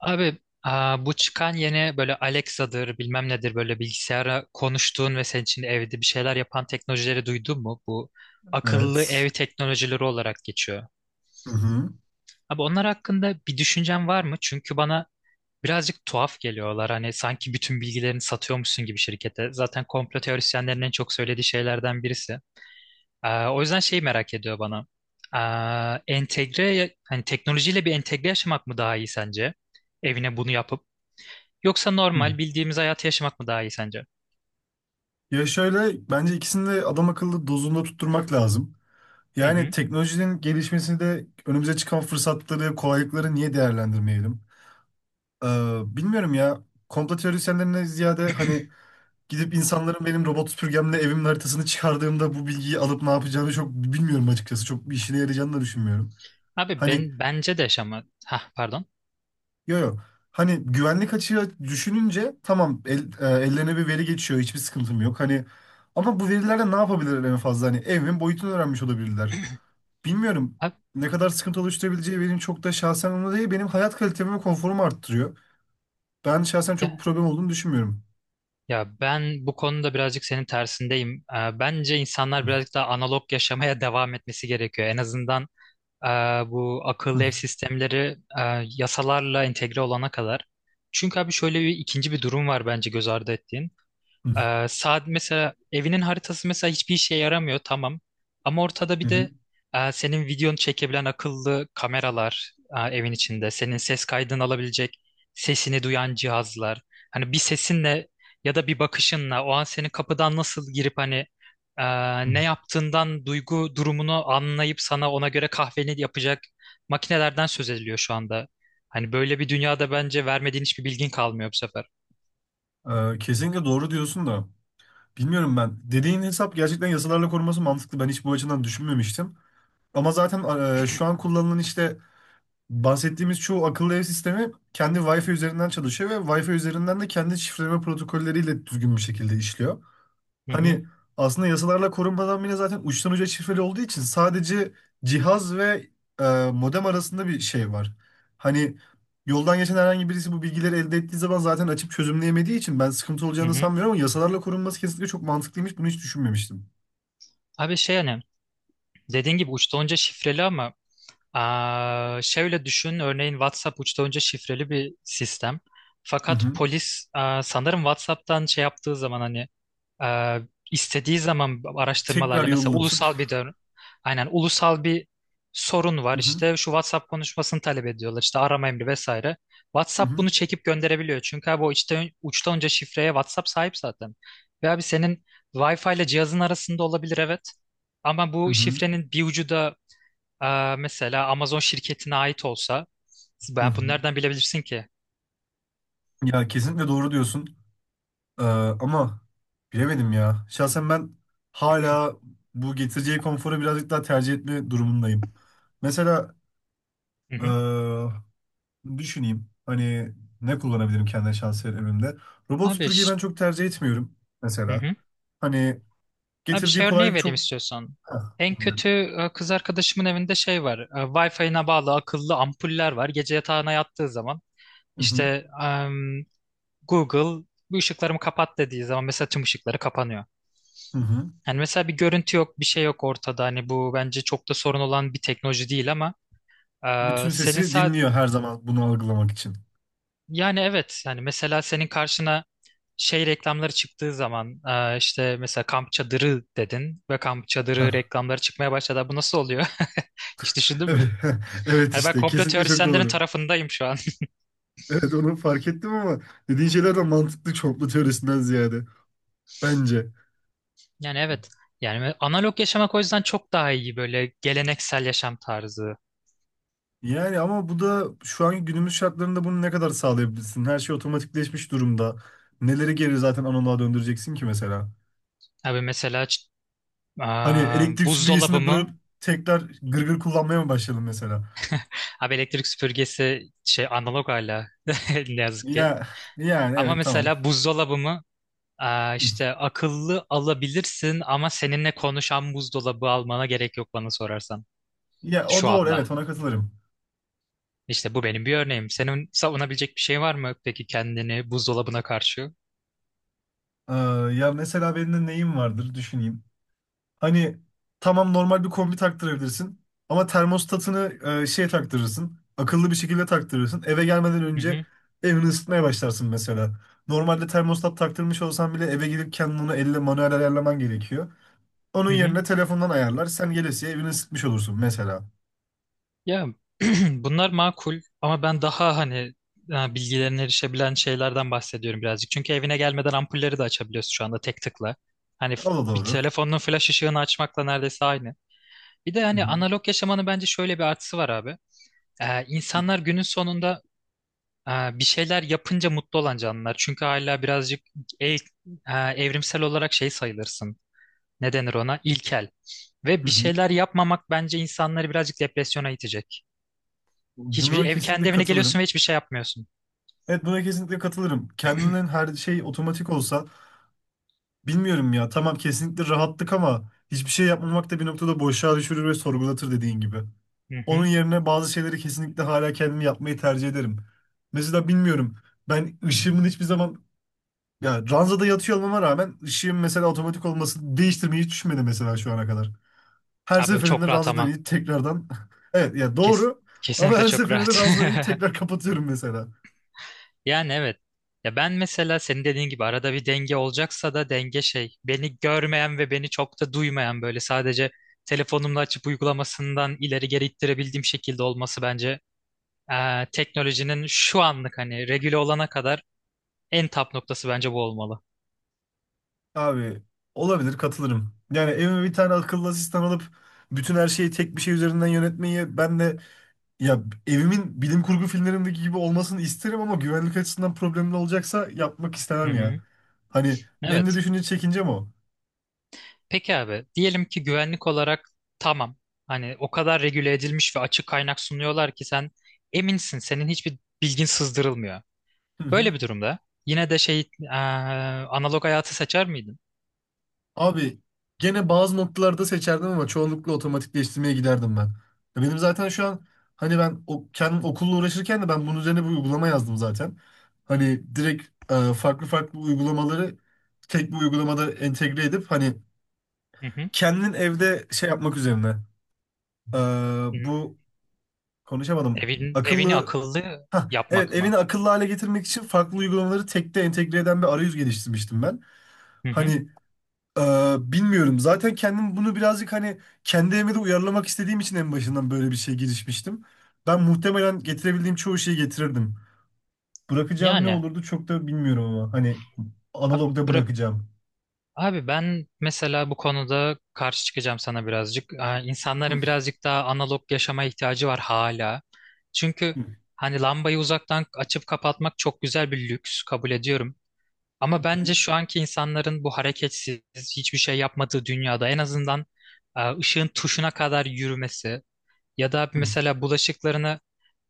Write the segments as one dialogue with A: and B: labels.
A: Abi bu çıkan yeni böyle Alexa'dır bilmem nedir böyle bilgisayara konuştuğun ve senin için evde bir şeyler yapan teknolojileri duydun mu? Bu akıllı
B: Evet.
A: ev teknolojileri olarak geçiyor.
B: Hı hı.
A: Abi onlar hakkında bir düşüncen var mı? Çünkü bana birazcık tuhaf geliyorlar. Hani sanki bütün bilgilerini satıyormuşsun gibi şirkete. Zaten komplo teorisyenlerin en çok söylediği şeylerden birisi. O yüzden şeyi merak ediyor bana. Entegre, hani teknolojiyle bir entegre yaşamak mı daha iyi sence? Evine bunu yapıp. Yoksa normal bildiğimiz hayatı yaşamak mı daha iyi sence?
B: Ya şöyle bence ikisini de adam akıllı dozunda tutturmak lazım.
A: Hı
B: Yani
A: hı.
B: teknolojinin gelişmesini de önümüze çıkan fırsatları, kolaylıkları niye değerlendirmeyelim? Ee, Bilmiyorum ya. Komplo teorisyenlerine ziyade hani gidip insanların benim robot süpürgemle evimin haritasını çıkardığımda bu bilgiyi alıp ne yapacağını çok bilmiyorum açıkçası. Çok bir işine yarayacağını da düşünmüyorum.
A: Abi
B: Hani
A: ben bence de yaşama. Ha pardon.
B: Yo yo. Hani güvenlik açığı düşününce tamam ellerine bir veri geçiyor, hiçbir sıkıntım yok. Hani ama bu verilerle ne yapabilirler en fazla? Hani evimin boyutunu öğrenmiş olabilirler. Bilmiyorum
A: Abi,
B: ne kadar sıkıntı oluşturabileceği benim çok da şahsen onu değil, benim hayat kalitemi ve konforumu arttırıyor. Ben şahsen çok bir
A: ya,
B: problem olduğunu düşünmüyorum.
A: ben bu konuda birazcık senin tersindeyim. Bence insanlar
B: Hı,
A: birazcık daha analog yaşamaya devam etmesi gerekiyor. En azından e, bu
B: hı,
A: akıllı ev sistemleri yasalarla entegre olana kadar. Çünkü abi şöyle bir ikinci durum var bence göz ardı ettiğin.
B: hı,
A: Saat mesela evinin haritası mesela hiçbir işe yaramıyor tamam. Ama ortada
B: hı,
A: bir
B: hı,
A: de senin videonu çekebilen akıllı kameralar evin içinde. Senin ses kaydını alabilecek, sesini duyan cihazlar. Hani bir sesinle ya da bir bakışınla o an senin kapıdan nasıl girip hani e,
B: hı.
A: ne yaptığından duygu durumunu anlayıp sana ona göre kahveni yapacak makinelerden söz ediliyor şu anda. Hani böyle bir dünyada bence vermediğin hiçbir bilgin kalmıyor bu sefer.
B: Kesinlikle doğru diyorsun da. Bilmiyorum ben. Dediğin hesap gerçekten yasalarla korunması mantıklı. Ben hiç bu açıdan düşünmemiştim. Ama zaten şu an kullanılan işte bahsettiğimiz çoğu akıllı ev sistemi kendi Wi-Fi üzerinden çalışıyor ve Wi-Fi üzerinden de kendi şifreleme protokolleriyle düzgün bir şekilde işliyor.
A: Hı hı,
B: Hani aslında yasalarla korunmadan bile zaten uçtan uca şifreli olduğu için sadece cihaz ve e, modem arasında bir şey var. Hani yoldan geçen herhangi birisi bu bilgileri elde ettiği zaman zaten açıp çözümleyemediği için ben sıkıntı
A: hı
B: olacağını
A: hı.
B: sanmıyorum, ama yasalarla korunması kesinlikle çok mantıklıymış. Bunu hiç düşünmemiştim.
A: Abi şey hani dediğin gibi uçta onca şifreli ama şöyle düşün, örneğin WhatsApp uçtan önce şifreli bir sistem.
B: Hı
A: Fakat
B: hı.
A: polis sanırım WhatsApp'tan şey yaptığı zaman hani aa, istediği zaman
B: Tekrar
A: araştırmalarla mesela
B: yollatıp.
A: ulusal bir dön, aynen ulusal bir sorun var
B: Hı hı.
A: işte şu WhatsApp konuşmasını talep ediyorlar işte arama emri vesaire.
B: Hı
A: WhatsApp
B: hı.
A: bunu çekip gönderebiliyor çünkü abi o işte uçtan önce şifreye WhatsApp sahip zaten. Ve abi senin Wi-Fi ile cihazın arasında olabilir evet. Ama
B: Hı
A: bu
B: hı.
A: şifrenin bir ucu da mesela Amazon şirketine ait olsa
B: Hı
A: ben bunu
B: hı.
A: nereden bilebilirsin ki?
B: Ya kesinlikle doğru diyorsun. Ee, Ama bilemedim ya. Şahsen ben hala bu getireceği konforu birazcık daha tercih etme durumundayım. Mesela
A: Hı hı.
B: ee, düşüneyim. Hani ne kullanabilirim kendime şahsen evimde. Robot
A: Abi,
B: süpürgeyi ben
A: ş-,
B: çok tercih etmiyorum
A: hı
B: mesela.
A: hı.
B: Hani
A: Abi
B: getirdiği
A: şey örneği
B: kolaylık
A: vereyim
B: çok...
A: istiyorsan.
B: Heh,
A: En kötü
B: dinliyorum.
A: kız arkadaşımın evinde şey var. Wi-Fi'ine bağlı akıllı ampuller var. Gece yatağına yattığı zaman
B: Hı hı,
A: işte Google bu ışıklarımı kapat dediği zaman mesela tüm ışıkları kapanıyor.
B: hı hı.
A: Yani mesela bir görüntü yok, bir şey yok ortada. Hani bu bence çok da sorun olan bir teknoloji değil ama
B: Bütün
A: senin
B: sesi
A: sa-,
B: dinliyor her zaman bunu algılamak için.
A: yani evet yani mesela senin karşına şey reklamları çıktığı zaman işte mesela kamp çadırı dedin ve kamp
B: Heh,
A: çadırı reklamları çıkmaya başladı. Bu nasıl oluyor? Hiç düşündün mü?
B: evet, evet
A: Yani ben
B: işte
A: komplo
B: kesinlikle çok
A: teorisyenlerin
B: doğru.
A: tarafındayım şu an.
B: Evet onu fark ettim ama dediğin şeyler de mantıklı çoğunluk teorisinden ziyade. Bence.
A: Yani evet. Yani analog yaşamak o yüzden çok daha iyi böyle geleneksel yaşam tarzı.
B: Yani ama bu da şu anki günümüz şartlarında bunu ne kadar sağlayabilirsin? Her şey otomatikleşmiş durumda. Neleri geri zaten analoğa döndüreceksin ki mesela?
A: Abi mesela ç-,
B: Hani elektrik
A: buzdolabı
B: süpürgesini bırakıp
A: mı?
B: tekrar gırgır kullanmaya mı başlayalım mesela?
A: Abi elektrik süpürgesi şey analog hala ne yazık ki.
B: Ya yani
A: Ama
B: evet tamam.
A: mesela buzdolabı mı? İşte akıllı alabilirsin ama seninle konuşan buzdolabı almana gerek yok bana sorarsan
B: Ya o
A: şu
B: doğru,
A: anda.
B: evet ona katılırım.
A: İşte bu benim bir örneğim. Senin savunabilecek bir şey var mı peki kendini buzdolabına karşı?
B: Ee, Ya mesela benim de neyim vardır düşüneyim. Hani tamam normal bir kombi taktırabilirsin ama termostatını şey taktırırsın. Akıllı bir şekilde taktırırsın. Eve gelmeden
A: Hı
B: önce
A: hı,
B: evini ısıtmaya başlarsın mesela. Normalde termostat taktırmış olsan bile eve gidip kendini onu elle manuel ayarlaman gerekiyor. Onun
A: hı hı.
B: yerine telefondan ayarlar. Sen gelesiye evini ısıtmış olursun mesela.
A: Ya bunlar makul ama ben daha hani ha, bilgilerine erişebilen şeylerden bahsediyorum birazcık. Çünkü evine gelmeden ampulleri de açabiliyorsun şu anda tek tıkla. Hani f-,
B: O da
A: bir
B: doğru.
A: telefonun flash ışığını açmakla neredeyse aynı. Bir de
B: Hı
A: hani
B: hı.
A: analog yaşamanın bence şöyle bir artısı var abi. İnsanlar günün sonunda bir şeyler yapınca mutlu olan canlılar. Çünkü hala birazcık e- e, evrimsel olarak şey sayılırsın. Ne denir ona? İlkel. Ve
B: Hı
A: bir
B: hı.
A: şeyler yapmamak bence insanları birazcık depresyona itecek. Hiçbir
B: Buna
A: ev
B: kesinlikle
A: kendi evine geliyorsun ve
B: katılırım.
A: hiçbir şey yapmıyorsun.
B: Evet buna kesinlikle katılırım. Kendinin her şey otomatik olsa bilmiyorum ya. Tamam kesinlikle rahatlık, ama hiçbir şey yapmamak da bir noktada boşluğa düşürür ve sorgulatır dediğin gibi.
A: Hı
B: Onun
A: hı.
B: yerine bazı şeyleri kesinlikle hala kendim yapmayı tercih ederim. Mesela bilmiyorum. Ben ışığımın hiçbir zaman ya ranzada yatıyor olmama rağmen ışığım mesela otomatik olması değiştirmeyi hiç düşünmedi mesela şu ana kadar. Her
A: Abi çok
B: seferinde
A: rahat
B: ranzadan
A: ama.
B: inip tekrardan evet ya
A: Kes,
B: doğru, ama
A: kesinlikle
B: her
A: çok
B: seferinde
A: rahat.
B: ranzadan inip tekrar kapatıyorum mesela.
A: Yani evet. Ya ben mesela senin dediğin gibi arada bir denge olacaksa da denge şey beni görmeyen ve beni çok da duymayan böyle sadece telefonumla açıp uygulamasından ileri geri ittirebildiğim şekilde olması bence teknolojinin şu anlık hani regüle olana kadar en tap noktası bence bu olmalı.
B: Abi olabilir, katılırım. Yani evime bir tane akıllı asistan alıp bütün her şeyi tek bir şey üzerinden yönetmeyi ben de ya evimin bilim kurgu filmlerindeki gibi olmasını isterim, ama güvenlik açısından problemli olacaksa yapmak
A: Hı
B: istemem
A: hı.
B: ya. Hani benim de
A: Evet.
B: düşünce çekincem o.
A: Peki abi diyelim ki güvenlik olarak tamam hani o kadar regüle edilmiş ve açık kaynak sunuyorlar ki sen eminsin senin hiçbir bilgin sızdırılmıyor. Böyle bir durumda yine de şey analog hayatı seçer miydin?
B: Abi gene bazı noktalarda seçerdim ama çoğunlukla otomatikleştirmeye giderdim ben. Ya benim zaten şu an hani kendim okulla uğraşırken de ben bunun üzerine bir uygulama yazdım zaten. Hani direkt farklı farklı uygulamaları tek bir uygulamada entegre edip hani
A: Hı hı.
B: kendin evde şey yapmak üzerine. E,
A: Hı.
B: Bu konuşamadım.
A: Evin, evini
B: Akıllı.
A: akıllı
B: Hah, evet
A: yapmak
B: evini
A: mı?
B: akıllı hale getirmek için farklı uygulamaları tekte entegre eden bir arayüz geliştirmiştim ben.
A: Hı hı.
B: Hani bilmiyorum. Zaten kendim bunu birazcık hani kendi evime de uyarlamak istediğim için en başından böyle bir şey girişmiştim. Ben muhtemelen getirebildiğim çoğu şeyi getirirdim. Bırakacağım ne
A: Yani
B: olurdu çok da bilmiyorum ama hani
A: abi,
B: analogda
A: bırak,
B: bırakacağım.
A: abi ben mesela bu konuda karşı çıkacağım sana birazcık. İnsanların birazcık daha analog yaşama ihtiyacı var hala. Çünkü
B: Hı, hı,
A: hani lambayı uzaktan açıp kapatmak çok güzel bir lüks kabul ediyorum. Ama bence
B: hı,
A: şu anki insanların bu hareketsiz, hiçbir şey yapmadığı dünyada en azından ışığın tuşuna kadar yürümesi, ya da
B: hı.
A: mesela bulaşıklarını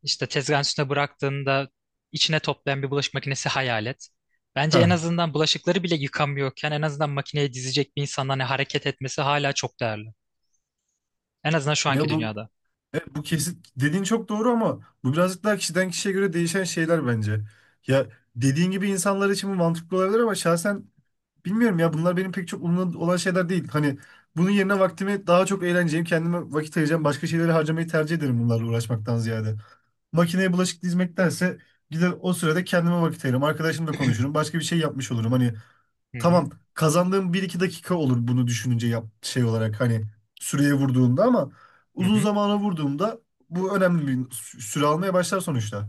A: işte tezgahın üstüne bıraktığında içine toplayan bir bulaşık makinesi hayal et. Bence en
B: Ha.
A: azından bulaşıkları bile yıkamıyorken en azından makineye dizecek bir insanın hani hareket etmesi hala çok değerli. En azından şu anki
B: Ya bu
A: dünyada.
B: bu kesin dediğin çok doğru, ama bu birazcık daha kişiden kişiye göre değişen şeyler bence. Ya dediğin gibi insanlar için bu mantıklı olabilir ama şahsen bilmiyorum ya, bunlar benim pek çok umurumda olan şeyler değil. Hani bunun yerine vaktimi daha çok eğleneceğim, kendime vakit ayıracağım, başka şeyleri harcamayı tercih ederim bunlarla uğraşmaktan ziyade. Makineye bulaşık dizmektense gider o sürede kendime vakit ayırırım, arkadaşımla konuşurum, başka bir şey yapmış olurum. Hani
A: Hı hı,
B: tamam kazandığım bir iki dakika olur bunu düşününce yap şey olarak hani süreye vurduğumda, ama
A: hı
B: uzun
A: hı.
B: zamana vurduğumda bu önemli bir süre almaya başlar sonuçta.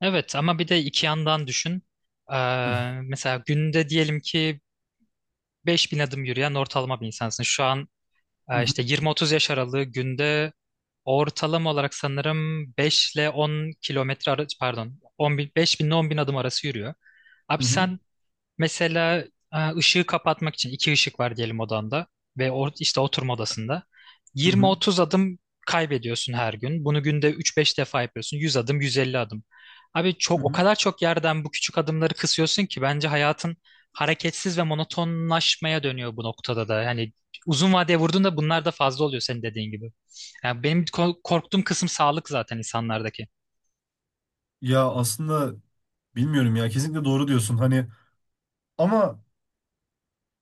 A: Evet ama bir de iki yandan düşün. Ee,
B: Hı
A: Mesela günde diyelim ki 5.000 adım yürüyen ortalama bir insansın. Şu an
B: hı
A: işte 20-30 yaş aralığı günde ortalama olarak sanırım 5 ile 10 kilometre arası pardon 10 bin, 5 bin ile 10 bin adım arası yürüyor. Abi
B: hı
A: sen mesela ışığı kapatmak için iki ışık var diyelim odanda ve işte oturma odasında.
B: hı
A: 20-30 adım kaybediyorsun her gün. Bunu günde 3-5 defa yapıyorsun. 100 adım, 150 adım. Abi
B: hı
A: çok, o
B: hı.
A: kadar çok yerden bu küçük adımları kısıyorsun ki bence hayatın hareketsiz ve monotonlaşmaya dönüyor bu noktada da. Yani uzun vadeye vurduğunda bunlar da fazla oluyor senin dediğin gibi. Yani benim korktuğum kısım sağlık zaten insanlardaki.
B: Ya aslında bilmiyorum ya, kesinlikle doğru diyorsun hani, ama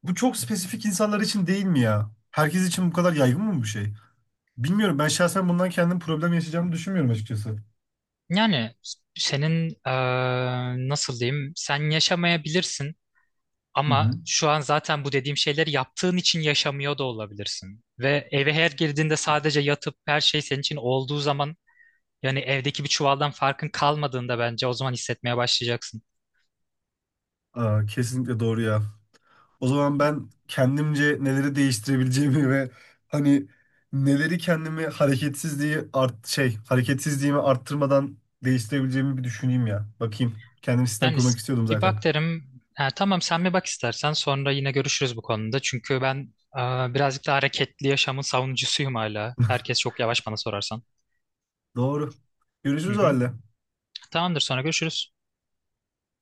B: bu çok spesifik insanlar için değil mi ya? Herkes için bu kadar yaygın mı bu şey? Bilmiyorum ben şahsen bundan kendim problem yaşayacağımı düşünmüyorum açıkçası.
A: Yani senin nasıl diyeyim, sen yaşamayabilirsin
B: Hı
A: ama
B: hı.
A: şu an zaten bu dediğim şeyleri yaptığın için yaşamıyor da olabilirsin. Ve eve her girdiğinde sadece yatıp her şey senin için olduğu zaman, yani evdeki bir çuvaldan farkın kalmadığında bence o zaman hissetmeye başlayacaksın.
B: Aa, kesinlikle doğru ya. O zaman ben kendimce neleri değiştirebileceğimi ve hani neleri kendimi hareketsizliğimi arttırmadan değiştirebileceğimi bir düşüneyim ya. Bakayım. Kendim sistem
A: Yani
B: kurmak
A: s-,
B: istiyordum
A: bir
B: zaten.
A: bak derim. Ha, tamam sen bir bak istersen sonra yine görüşürüz bu konuda. Çünkü ben birazcık daha hareketli yaşamın savunucusuyum hala. Herkes çok yavaş bana sorarsan.
B: Doğru.
A: Hı
B: Görüşürüz o
A: hı.
B: halde.
A: Tamamdır sonra görüşürüz.